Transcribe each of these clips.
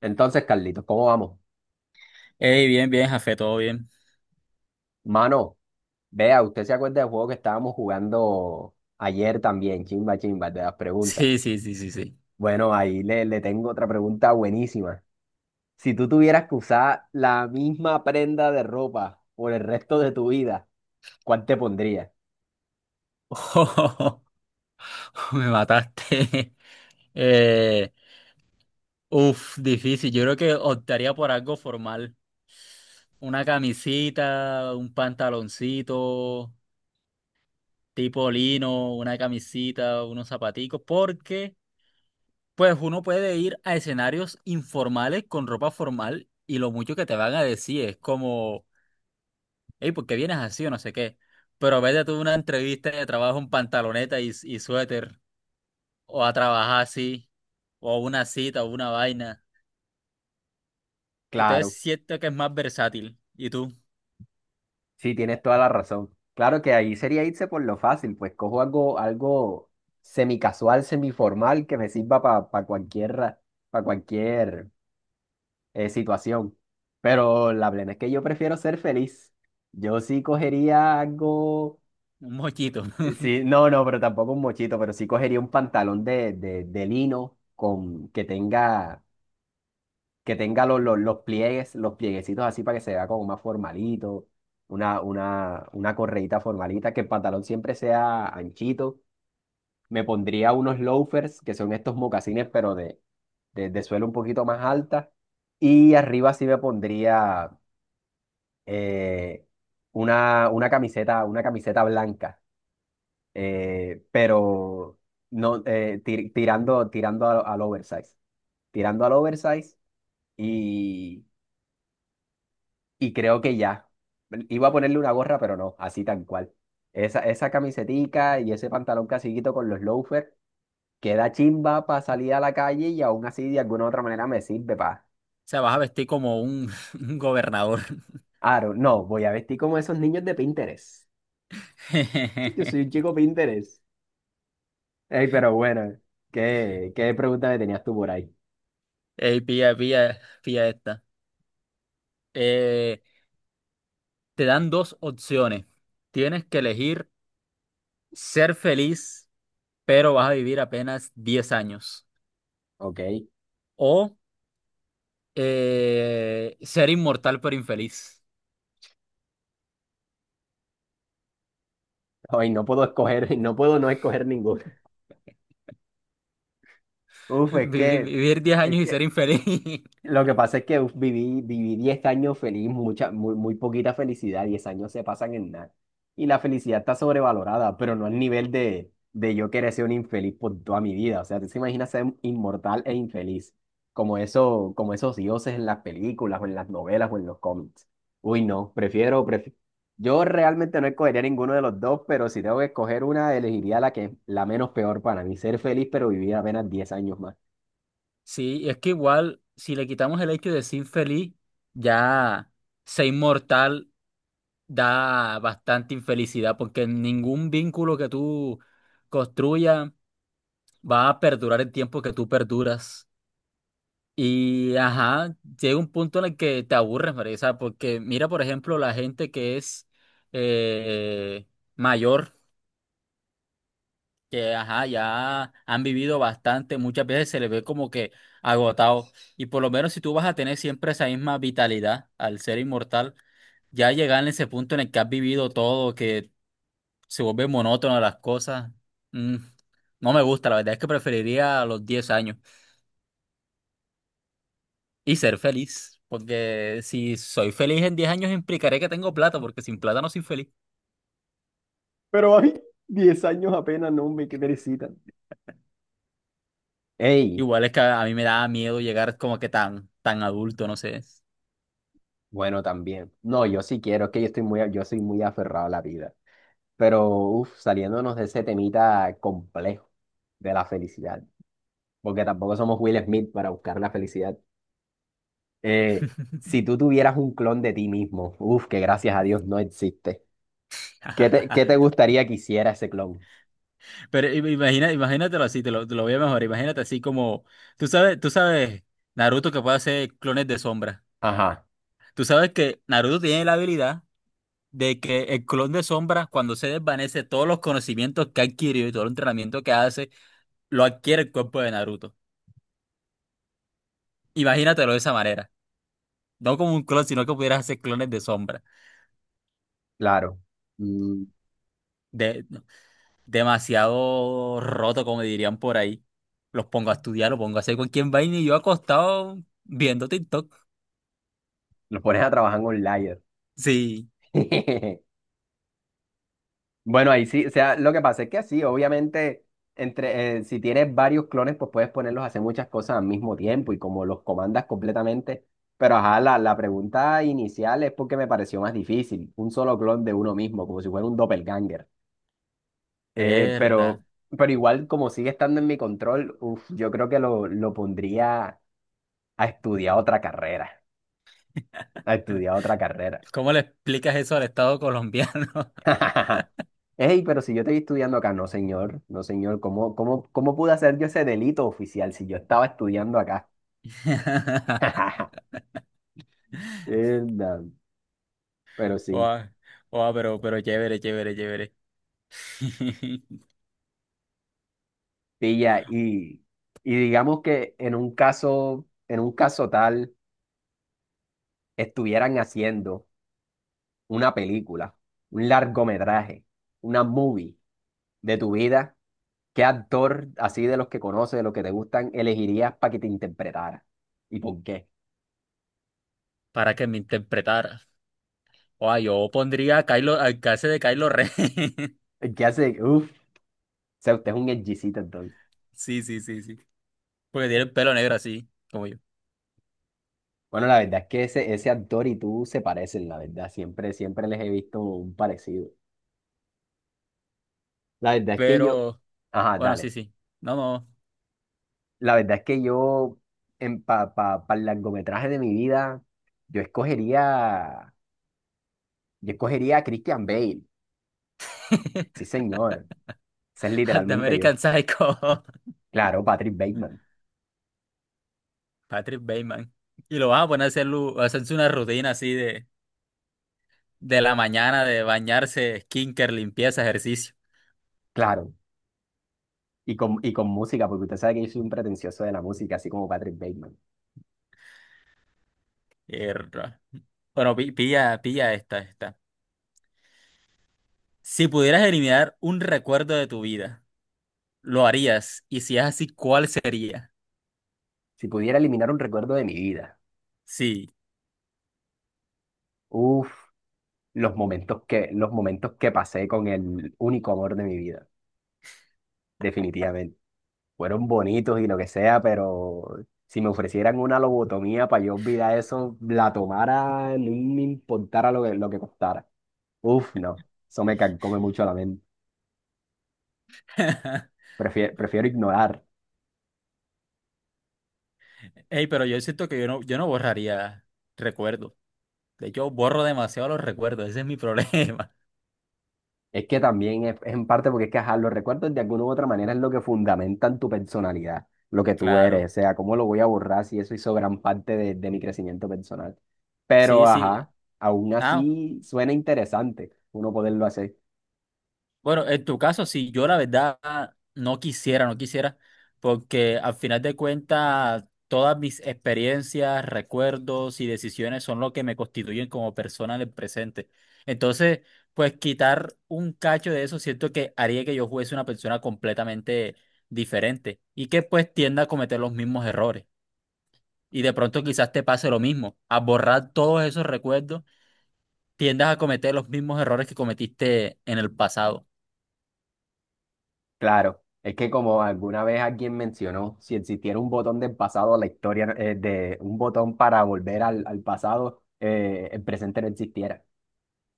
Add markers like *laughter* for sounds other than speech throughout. Entonces, Carlitos, ¿cómo vamos? Ey, bien, bien, Jafé, todo bien. Mano, vea, usted se acuerda del juego que estábamos jugando ayer también, chimba, chimba, el de las preguntas. Sí, sí, sí, sí, sí. Bueno, ahí le tengo otra pregunta buenísima. Si tú tuvieras que usar la misma prenda de ropa por el resto de tu vida, ¿cuál te pondrías? *laughs* Me mataste. *laughs* Eh, Uf, difícil. Yo creo que optaría por algo formal. Una camisita, un pantaloncito, tipo lino, una camisita, unos zapaticos, porque pues uno puede ir a escenarios informales con ropa formal y lo mucho que te van a decir es como: hey, ¿por qué vienes así o no sé qué? Pero vete tú a una entrevista de trabajo en pantaloneta y suéter, o a trabajar así, o a una cita, o una vaina. Entonces Claro, siento que es más versátil. ¿Y tú? sí, tienes toda la razón. Claro que ahí sería irse por lo fácil, pues cojo algo semicasual, semiformal que me sirva para cualquier, para cualquier situación. Pero la plena es que yo prefiero ser feliz. Yo sí cogería algo, Un mochito. Sí, *laughs* no, no, pero tampoco un mochito, pero sí cogería un pantalón de lino con que tenga los pliegues, los plieguecitos así para que se vea como más formalito, una correíta formalita, que el pantalón siempre sea anchito. Me pondría unos loafers, que son estos mocasines, pero de suelo un poquito más alta. Y arriba sí me pondría eh, una camiseta blanca, pero no, tirando al oversize y, y creo que ya. Iba a ponerle una gorra, pero no, así tan cual. Esa camisetica y ese pantalón casiguito con los loafers queda chimba para salir a la calle y aún así de alguna u otra manera me sirve para. O sea, vas a vestir como un, *laughs* un gobernador. Aro, no, voy a vestir como esos niños de Pinterest. *laughs* Yo soy *laughs* un chico Pinterest. Ey, pero bueno, ¿qué pregunta me tenías tú por ahí? Ey, pilla, pilla, pilla esta. Eh, Te dan dos opciones. Tienes que elegir ser feliz, pero vas a vivir apenas 10 años. Ok. O ser inmortal, pero infeliz. Hoy no puedo escoger, *laughs* no puedo no escoger ninguna. *laughs* Uf, es Vivir, que, vivir 10 es años y ser que infeliz. *laughs* lo que pasa es que uf, viví 10 años feliz, muy poquita felicidad, 10 años se pasan en nada. Y la felicidad está sobrevalorada, pero no al nivel de yo querer ser un infeliz por toda mi vida. O sea, tú te imaginas ser inmortal e infeliz, como esos dioses en las películas o en las novelas o en los cómics. Uy, no. Yo realmente no escogería ninguno de los dos, pero si tengo que escoger una, elegiría la menos peor para mí, ser feliz pero vivir apenas 10 años más. Sí, y es que igual, si le quitamos el hecho de ser infeliz, ya ser inmortal da bastante infelicidad, porque ningún vínculo que tú construyas va a perdurar el tiempo que tú perduras. Y ajá, llega un punto en el que te aburres, María. O porque mira, por ejemplo, la gente que es eh, mayor, que ajá, ya han vivido bastante, muchas veces se les ve como que agotados. Y por lo menos si tú vas a tener siempre esa misma vitalidad al ser inmortal, ya llegar en ese punto en el que has vivido todo, que se vuelve monótono las cosas, mm, no me gusta. La verdad es que preferiría los 10 años y ser feliz. Porque si soy feliz en 10 años, implicaré que tengo plata, porque sin plata no soy feliz. Pero hay 10 años apenas, no, me que perecita. Ey, Igual es que a mí me da miedo llegar como que tan, tan adulto, no sé. bueno, también. No, yo sí quiero, es que yo soy muy aferrado a la vida. Pero, saliéndonos de ese temita complejo de la felicidad, porque tampoco somos Will Smith para buscar la felicidad. Eh, si tú tuvieras un clon de ti mismo, que gracias a Dios no existe, ¿qué te *laughs* gustaría que hiciera ese clon? Pero imagina, imagínatelo así, te lo voy a mejorar. Imagínate así como, tú sabes, Naruto que puede hacer clones de sombra. Ajá, Tú sabes que Naruto tiene la habilidad de que el clon de sombra, cuando se desvanece, todos los conocimientos que ha adquirido y todo el entrenamiento que hace, lo adquiere el cuerpo de Naruto. Imagínatelo de esa manera. No como un clon, sino que pudieras hacer clones de sombra. claro. Mm, No, demasiado roto, como dirían por ahí. Los pongo a estudiar, los pongo a hacer cualquier vaina y yo acostado viendo TikTok. lo pones a trabajar en un layer. Sí. *laughs* Bueno, ahí sí, o sea, lo que pasa es que sí, obviamente, si tienes varios clones, pues puedes ponerlos a hacer muchas cosas al mismo tiempo y como los comandas completamente. Pero ajá, la pregunta inicial es porque me pareció más difícil, un solo clon de uno mismo, como si fuera un doppelganger. Eh, Herda. pero, pero igual, como sigue estando en mi control, uf, yo creo que lo pondría a estudiar otra carrera. ¿Cómo le explicas eso al Estado colombiano? *laughs* Ey, pero si yo estoy estudiando acá, no señor, no señor, ¿cómo pude hacer yo ese delito oficial si yo estaba estudiando acá? *laughs* *laughs* Enda, pero sí, Oa, oa, pero chévere, chévere, chévere. *laughs* pilla, y digamos que en un caso, tal, estuvieran haciendo una película, un largometraje, una movie de tu vida, ¿qué actor así de los que conoces, de los que te gustan, elegirías para que te interpretara? ¿Y por qué? Para que me interpretara. Oa, yo pondría a Kylo, al caso de Kylo Ren. *laughs* ¿Qué hace? Uf, o sea, usted es un edgycita. Sí, sí, sí, sí. Porque tiene el pelo negro así, como yo. Bueno, la verdad es que ese actor y tú se parecen, la verdad. Siempre, siempre les he visto un parecido. La verdad es que yo, Pero, ajá, bueno, sí, dale. sí. No, no. La verdad es que yo, para el largometraje de mi vida, yo escogería, yo escogería a Christian Bale. Sí, *laughs* señor. Ese es Al de literalmente American yo. Psycho. Claro, Patrick Bateman. *laughs* Patrick Bateman. Y lo van a poner a hacer a hacerse una rutina así de la mañana, de bañarse, skinker, limpieza, ejercicio. Claro. Y con música, porque usted sabe que yo soy un pretencioso de la música, así como Patrick Bateman. Mierda. Bueno, pilla, pilla esta. Si pudieras eliminar un recuerdo de tu vida, ¿lo harías? Y si es así, ¿cuál sería? Si pudiera eliminar un recuerdo de mi vida. Sí. Uf. Los momentos que pasé con el único amor de mi vida, definitivamente. Fueron bonitos y lo que sea, pero si me ofrecieran una lobotomía para yo olvidar eso, la tomara, no me importara lo que costara. Uf, no, eso me carcome mucho la mente. Prefiero ignorar. Ey, pero yo siento que yo no borraría recuerdos. De hecho, borro demasiado los recuerdos. Ese es mi problema. Es que también es en parte porque es que ajá, los recuerdos de alguna u otra manera es lo que fundamentan tu personalidad, lo que *laughs* tú eres, Claro. o sea, cómo lo voy a borrar si eso hizo gran parte de mi crecimiento personal. Pero Sí, sí. ajá, aún Ah, así suena interesante uno poderlo hacer. bueno, en tu caso, sí. Yo la verdad no quisiera, porque al final de cuentas todas mis experiencias, recuerdos y decisiones son lo que me constituyen como persona en el presente. Entonces, pues quitar un cacho de eso siento que haría que yo fuese una persona completamente diferente y que pues tienda a cometer los mismos errores. Y de pronto quizás te pase lo mismo: a borrar todos esos recuerdos, tiendas a cometer los mismos errores que cometiste en el pasado. Claro, es que como alguna vez alguien mencionó, si existiera un botón del pasado, la historia de un botón para volver al pasado, el presente no existiera,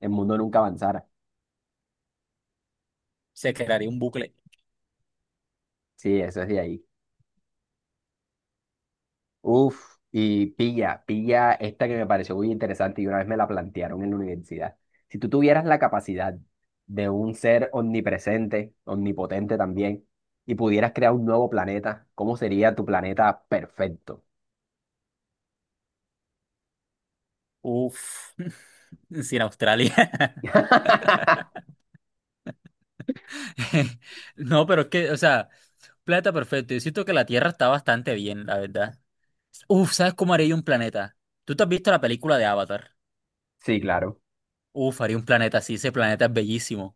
el mundo nunca avanzara. Se crearía un bucle. Sí, eso es de ahí. Uf, y pilla, pilla esta que me pareció muy interesante y una vez me la plantearon en la universidad. Si tú tuvieras la capacidad de un ser omnipresente, omnipotente también, y pudieras crear un nuevo planeta, ¿cómo sería tu planeta perfecto? Uf, *laughs* sin Australia. *laughs* *laughs* No, pero es que, o sea, planeta perfecto. Yo siento que la Tierra está bastante bien, la verdad. Uf, ¿sabes cómo haría yo un planeta? ¿Tú te has visto la película de Avatar? Sí, claro. Uf, haría un planeta así, ese planeta es bellísimo.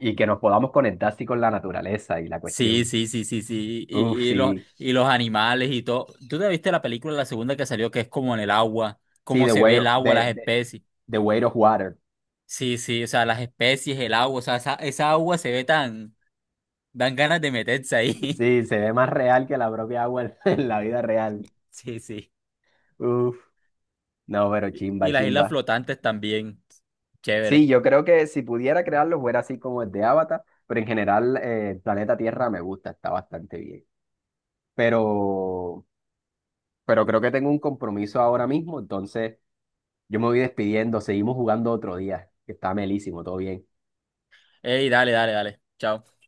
Y que nos podamos conectar así con la naturaleza y la Sí, cuestión. sí, sí, sí, sí. Uf, Y, y sí. los, y los animales y todo. ¿Tú te viste la película, la segunda que salió, que es como en el agua? Sí, ¿Cómo The se Way, ve el agua, las especies? the Weight of Water. Sí, sí, o sea, las especies, el agua, o sea, esa agua se ve tan. Dan ganas de meterse ahí. Sí, se ve más real que la propia agua *laughs* en la vida real. Sí, sí. Uf, no, pero Y, chimba, y las islas chimba. flotantes también. Sí, Chévere. yo creo que si pudiera crearlo fuera así como el de Avatar, pero en general el planeta Tierra me gusta, está bastante bien. Pero, pero creo que tengo un compromiso ahora mismo, entonces yo me voy despidiendo, seguimos jugando otro día, que está melísimo, todo bien. Ey, dale, dale, dale. Chao.